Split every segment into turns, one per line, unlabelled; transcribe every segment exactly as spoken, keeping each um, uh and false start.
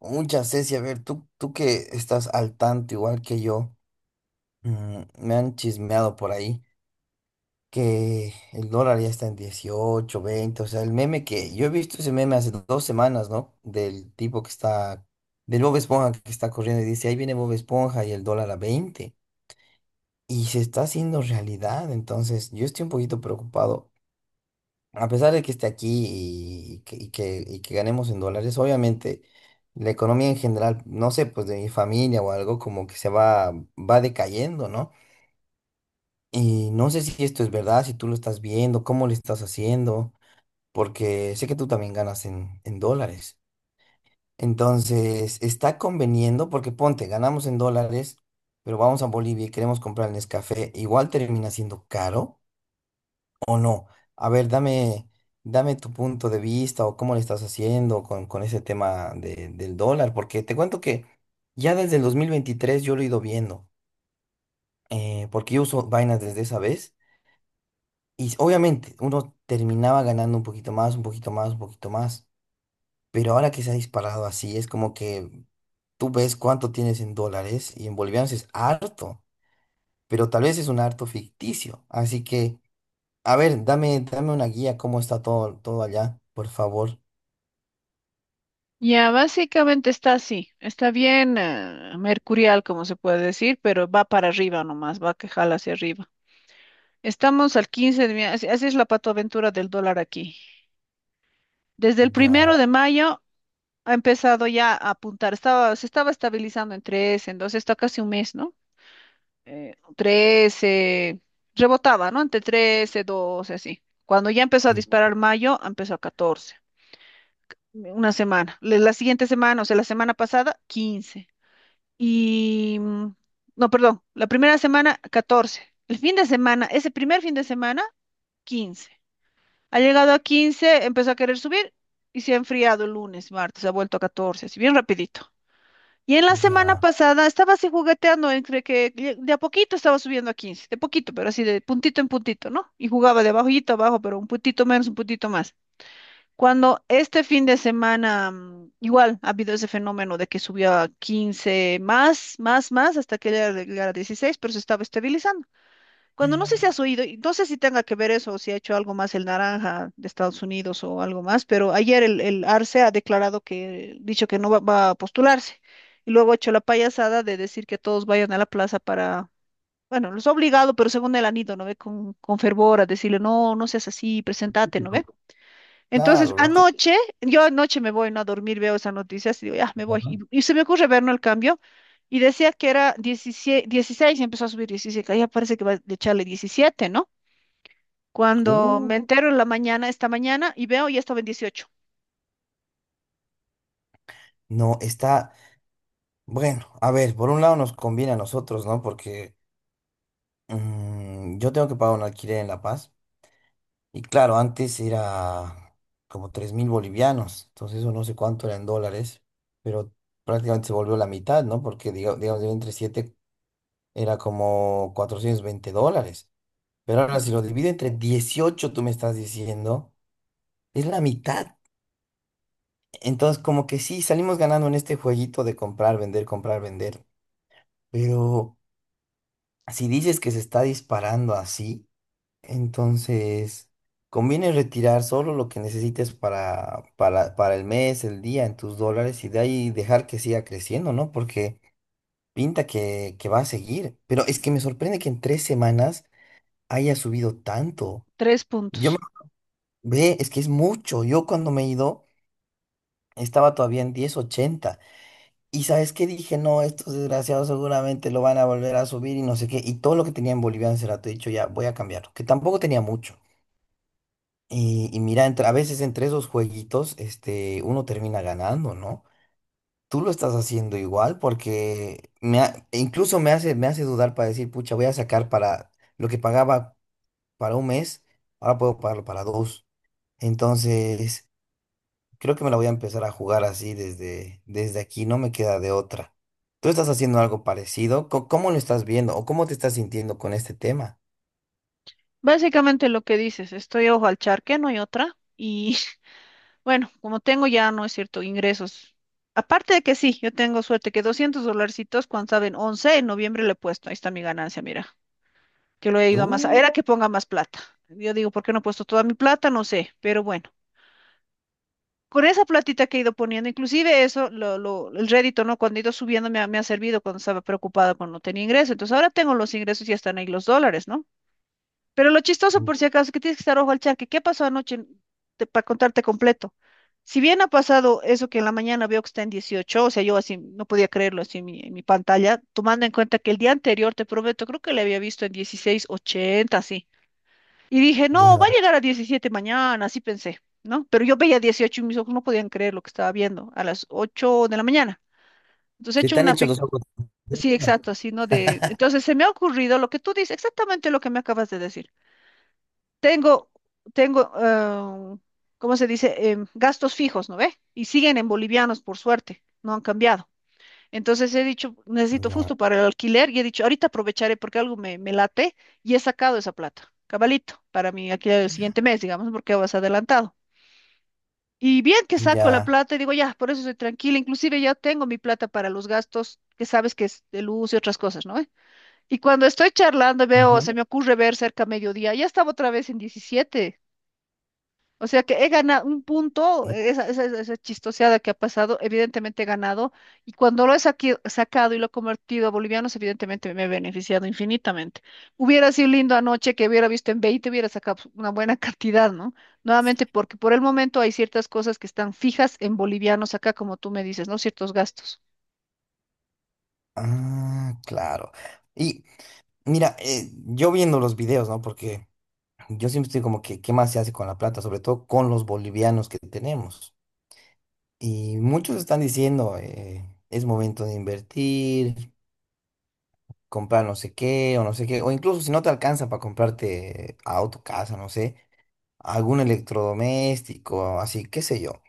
Mucha Ceci, a ver, tú, tú que estás al tanto igual que yo, mm, me han chismeado por ahí que el dólar ya está en dieciocho, veinte. O sea, el meme que yo he visto ese meme hace dos semanas, ¿no? Del tipo que está, del Bob Esponja que está corriendo y dice, ahí viene Bob Esponja y el dólar a veinte. Y se está haciendo realidad, entonces yo estoy un poquito preocupado, a pesar de que esté aquí y que, y que, y que ganemos en dólares. Obviamente, la economía en general, no sé, pues de mi familia o algo, como que se va, va decayendo, ¿no? Y no sé si esto es verdad, si tú lo estás viendo, cómo lo estás haciendo, porque sé que tú también ganas en, en dólares. Entonces, está conveniendo, porque ponte, ganamos en dólares, pero vamos a Bolivia y queremos comprar el Nescafé, igual termina siendo caro. ¿O no? A ver, dame, dame tu punto de vista o cómo le estás haciendo con, con ese tema de- del dólar, porque te cuento que ya desde el dos mil veintitrés yo lo he ido viendo, eh, porque yo uso vainas desde esa vez, y obviamente uno terminaba ganando un poquito más, un poquito más, un poquito más. Pero ahora que se ha disparado así, es como que tú ves cuánto tienes en dólares, y en bolivianos es harto, pero tal vez es un harto ficticio, así que... A ver, dame, dame una guía, cómo está todo, todo allá, por favor.
Ya, básicamente está así, está bien eh, mercurial, como se puede decir, pero va para arriba nomás, va que jala hacia arriba. Estamos al quince de mayo, así, así es la patoaventura del dólar aquí. Desde el primero
Ya,
de mayo ha empezado ya a apuntar, estaba, se estaba estabilizando en trece, entonces está casi un mes, ¿no? Eh, trece, rebotaba, ¿no? Entre trece, doce, así. Cuando ya empezó a
mm,
disparar mayo, empezó a catorce una semana. La la siguiente semana, o sea, la semana pasada, quince. Y, mm, no, perdón, la primera semana catorce, el fin de semana, ese primer fin de semana quince. Ha llegado a quince, empezó a querer subir y se ha enfriado el lunes, martes, ha vuelto a catorce así bien rapidito. Y en la semana
ya.
pasada estaba así jugueteando entre que lle- de a poquito estaba subiendo a quince de poquito, pero así de puntito en puntito, ¿no? Y jugaba de abajito a abajo, pero un puntito menos, un puntito más. Cuando este fin de semana, mm, igual ha habido ese fenómeno de que subió a quince, más, más, más, hasta que llegara llegara a dieciséis, pero se estaba estabilizando. Cuando, no sé si has oído, y no sé si tenga que ver eso o si ha hecho algo más el naranja de Estados Unidos o algo más, pero ayer el, el ARCE ha declarado que, dicho que no va, va a postularse. Y luego ha hecho la payasada de decir que todos vayan a la plaza para, bueno, los ha obligado, pero según él han ido, ¿no ve? Con, con fervor a decirle, no, no seas así, presentate, ¿no ve?
Típico.
Entonces,
Claro, lo típico,
anoche, yo anoche me voy, ¿no? A dormir, veo esas noticias y digo, ya, me voy.
¿no?
Y, y se me ocurre ver no el cambio y decía que era diecisiete, dieciséis y empezó a subir diecisiete, ya parece que va a echarle diecisiete, ¿no? Cuando
Uh,
me entero en la mañana, esta mañana, y veo, ya estaba en dieciocho,
no, está, bueno, a ver, por un lado nos conviene a nosotros, ¿no? Porque mm, yo tengo que pagar un alquiler en La Paz. Y claro, antes era como tres mil bolivianos, entonces eso no sé cuánto era en dólares, pero prácticamente se volvió la mitad, ¿no? Porque diga- digamos, yo entre siete era como cuatrocientos veinte dólares. Pero ahora si lo divido entre dieciocho, tú me estás diciendo, es la mitad. Entonces, como que sí, salimos ganando en este jueguito de comprar, vender, comprar, vender. Pero si dices que se está disparando así, entonces conviene retirar solo lo que necesites para, para, para el mes, el día, en tus dólares, y de ahí dejar que siga creciendo, ¿no? Porque pinta que, que va a seguir. Pero es que me sorprende que en tres semanas haya subido tanto.
tres
Yo me...
puntos.
Ve, es que es mucho. Yo cuando me he ido estaba todavía en diez ochenta. Y sabes qué dije, no, estos desgraciados seguramente lo van a volver a subir y no sé qué. Y todo lo que tenía en boliviano se lo he dicho, ya voy a cambiarlo, que tampoco tenía mucho. Y, y mira, entre- a veces entre esos jueguitos, este, uno termina ganando, ¿no? Tú lo estás haciendo igual porque me ha- e incluso me hace, me hace, dudar para decir, pucha, voy a sacar para lo que pagaba para un mes, ahora puedo pagarlo para dos. Entonces, creo que me la voy a empezar a jugar así desde, desde aquí, no me queda de otra. ¿Tú estás haciendo algo parecido? Co- ¿Cómo lo estás viendo o cómo te estás sintiendo con este tema?
Básicamente lo que dices, estoy ojo al charque, no hay otra. Y bueno, como tengo ya, no es cierto, ingresos. Aparte de que sí, yo tengo suerte que doscientos dolarcitos, cuando saben, once en noviembre le he puesto, ahí está mi ganancia, mira. Que lo he ido a más.
Uh,
Era que ponga más plata. Yo digo, ¿por qué no he puesto toda mi plata? No sé, pero bueno. Con esa platita que he ido poniendo, inclusive eso, lo, lo- el rédito, ¿no? Cuando he ido subiendo me ha, me ha servido cuando estaba preocupada cuando no tenía ingreso. Entonces ahora tengo los ingresos y ya están ahí los dólares, ¿no? Pero lo chistoso, por si acaso, es que tienes que estar ojo al charque. ¿Qué pasó anoche? Para contarte completo. Si bien ha pasado eso que en la mañana veo que está en dieciocho, o sea, yo así no podía creerlo así en mi, en mi pantalla, tomando en cuenta que el día anterior, te prometo, creo que le había visto en dieciséis ochenta, así. Y dije, no, va a
ya.
llegar a diecisiete mañana, así pensé, ¿no? Pero yo veía dieciocho y mis ojos no podían creer lo que estaba viendo a las ocho de la mañana. Entonces he
Se
hecho
te han
una.
hecho
pe-
los
Exacto.
ojos.
Sí,
Ya,
exacto, así, ¿no? De... Entonces se me ha ocurrido lo que tú dices, exactamente lo que me acabas de decir. Tengo, tengo, ah, ¿cómo se dice? Em, gastos fijos, ¿no ve? Y siguen en bolivianos, por suerte, no han cambiado. Entonces he dicho, necesito justo para el alquiler, y he dicho, ahorita aprovecharé porque algo me, me late, y he sacado esa plata, cabalito, para mi alquiler del siguiente mes, digamos, porque vas adelantado. Y bien que saco la
ya.
plata y digo, ya, por eso estoy tranquila, inclusive ya tengo mi plata para los gastos, que sabes que es de luz y otras cosas, ¿no? Y cuando estoy charlando, veo,
Ujú.
se me ocurre ver cerca mediodía, ya estaba otra vez en diecisiete. O sea que he ganado un punto, eh, esa, esa, esa esa chistoseada que ha pasado, evidentemente he ganado, y cuando lo he saqui- sacado y lo he convertido a bolivianos, evidentemente me he beneficiado infinitamente. Hubiera sido lindo anoche, que hubiera visto en veinte hubiera sacado pues, una buena cantidad, ¿no? Nuevamente, porque por el momento hay ciertas cosas que están fijas en bolivianos acá, como tú me dices, ¿no? Ciertos gastos.
Ah, claro. Y mira, eh, yo viendo los videos, ¿no? Porque yo siempre estoy como que, ¿qué más se hace con la plata? Sobre todo con los bolivianos que tenemos. Y muchos están diciendo, eh, es momento de invertir, comprar no sé qué o no sé qué, o incluso si no te alcanza para comprarte auto, casa, no sé, algún electrodoméstico, así, qué sé yo.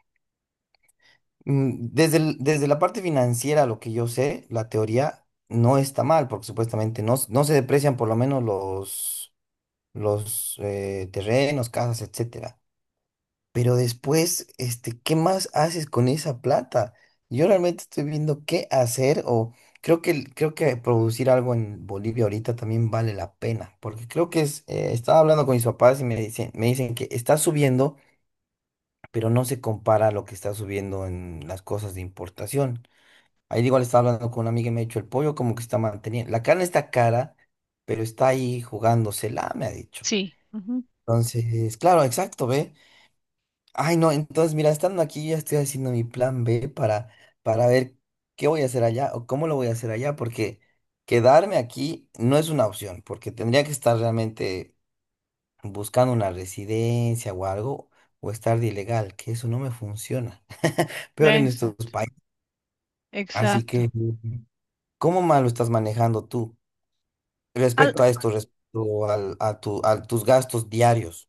Mm, Desde, el- desde la parte financiera, lo que yo sé, la teoría no está mal, porque supuestamente no, s- no se deprecian por lo menos los, los eh, terrenos, casas, etcétera. Pero después, este, ¿qué más haces con esa plata? Yo realmente estoy viendo qué hacer, o creo que, el- creo que producir algo en Bolivia ahorita también vale la pena, porque creo que es, eh, estaba hablando con mis papás y me dicen, me dicen que está subiendo, pero no se compara a lo que está subiendo en las cosas de importación. Ahí igual estaba hablando con una amiga y me ha dicho, el pollo como que está manteniendo, la carne está cara, pero está ahí jugándosela, me ha dicho.
Sí. Ujú.
Entonces, claro, exacto, ¿ve? Ay, no, entonces, mira, estando aquí, ya estoy haciendo mi plan B para, para, ver qué voy a hacer allá o cómo lo voy a hacer allá, porque quedarme aquí no es una opción, porque tendría que estar realmente buscando una residencia o algo, o estar de ilegal, que eso no me funciona. Peor
Ve,
en estos
exacto,
países. Así
exacto.
que, ¿cómo más lo estás manejando tú
Al,
respecto a esto, respecto al- a tu, a tus gastos diarios?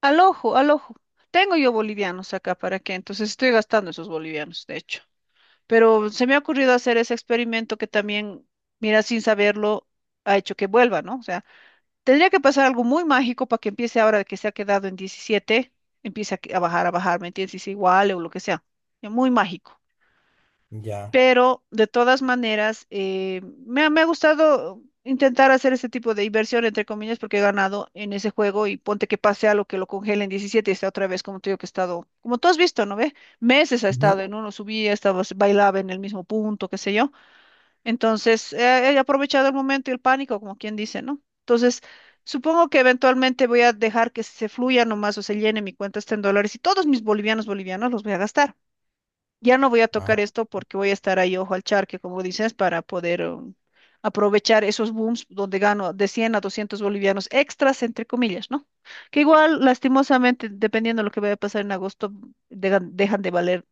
al ojo, al ojo. Tengo yo bolivianos acá, ¿para qué? Entonces estoy gastando esos bolivianos, de hecho. Pero se me ha ocurrido hacer ese experimento que también, mira, sin saberlo, ha hecho que vuelva, ¿no? O sea, tendría que pasar algo muy mágico para que empiece ahora que se ha quedado en diecisiete, empiece a, que- a bajar, a bajar, ¿me entiendes? Y sea igual o lo que sea. Ya. Muy mágico,
Ya.
pero de todas maneras, eh, me, ha, me ha gustado intentar hacer ese tipo de inversión, entre comillas, porque he ganado en ese juego, y ponte que pase algo que lo congele en diecisiete y está otra vez, como te digo, que he estado, como tú has visto, ¿no ve? Meses ha
Ujú.
estado en uno, subía, estaba, bailaba en el mismo punto, qué sé yo. Entonces, eh, he aprovechado el momento y el pánico, como quien dice, ¿no? Entonces, supongo que eventualmente voy a dejar que se fluya nomás o se llene mi cuenta está en dólares, y todos mis bolivianos bolivianos los voy a gastar. Ya no voy a
Ah,
tocar esto porque voy a estar ahí ojo al charque, como dices, para poder um, aprovechar esos booms donde gano de cien a doscientos bolivianos extras, entre comillas, ¿no? Que igual, lastimosamente, dependiendo de lo que vaya a pasar en agosto, dejan, dejan de valer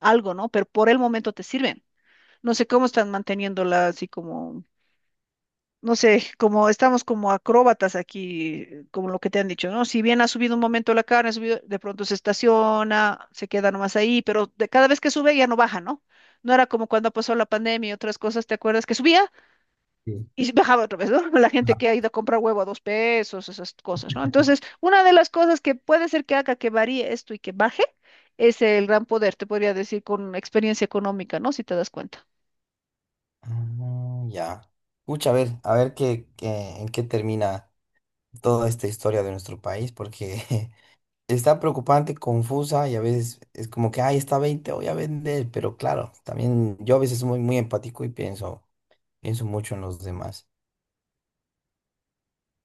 algo, ¿no? Pero por el momento te sirven. No sé cómo están manteniéndola así, como no sé, como estamos como acróbatas aquí, eh, como lo que te han dicho, ¿no? Si bien ha subido un momento la carne, ha subido, de pronto se estaciona, se queda nomás ahí, pero de, cada vez que sube ya no baja, ¿no? No era como cuando pasó la pandemia y otras cosas, ¿te acuerdas? Que subía
sí.
y bajaba otra vez, ¿no? La gente que ha ido a comprar huevo a dos pesos, esas cosas, ¿no? Entonces, una de las cosas que puede ser que haga que varíe esto y que baje es el gran poder, te podría decir, con experiencia económica, ¿no? Si te das cuenta.
Ah, ya. Pucha, a ver, a ver qué, qué- en qué termina toda esta historia de nuestro país, porque está preocupante, confusa, y a veces es como que, ay, está veinte, voy a vender, pero claro, también yo a veces soy muy, muy empático y pienso, pienso mucho en los demás.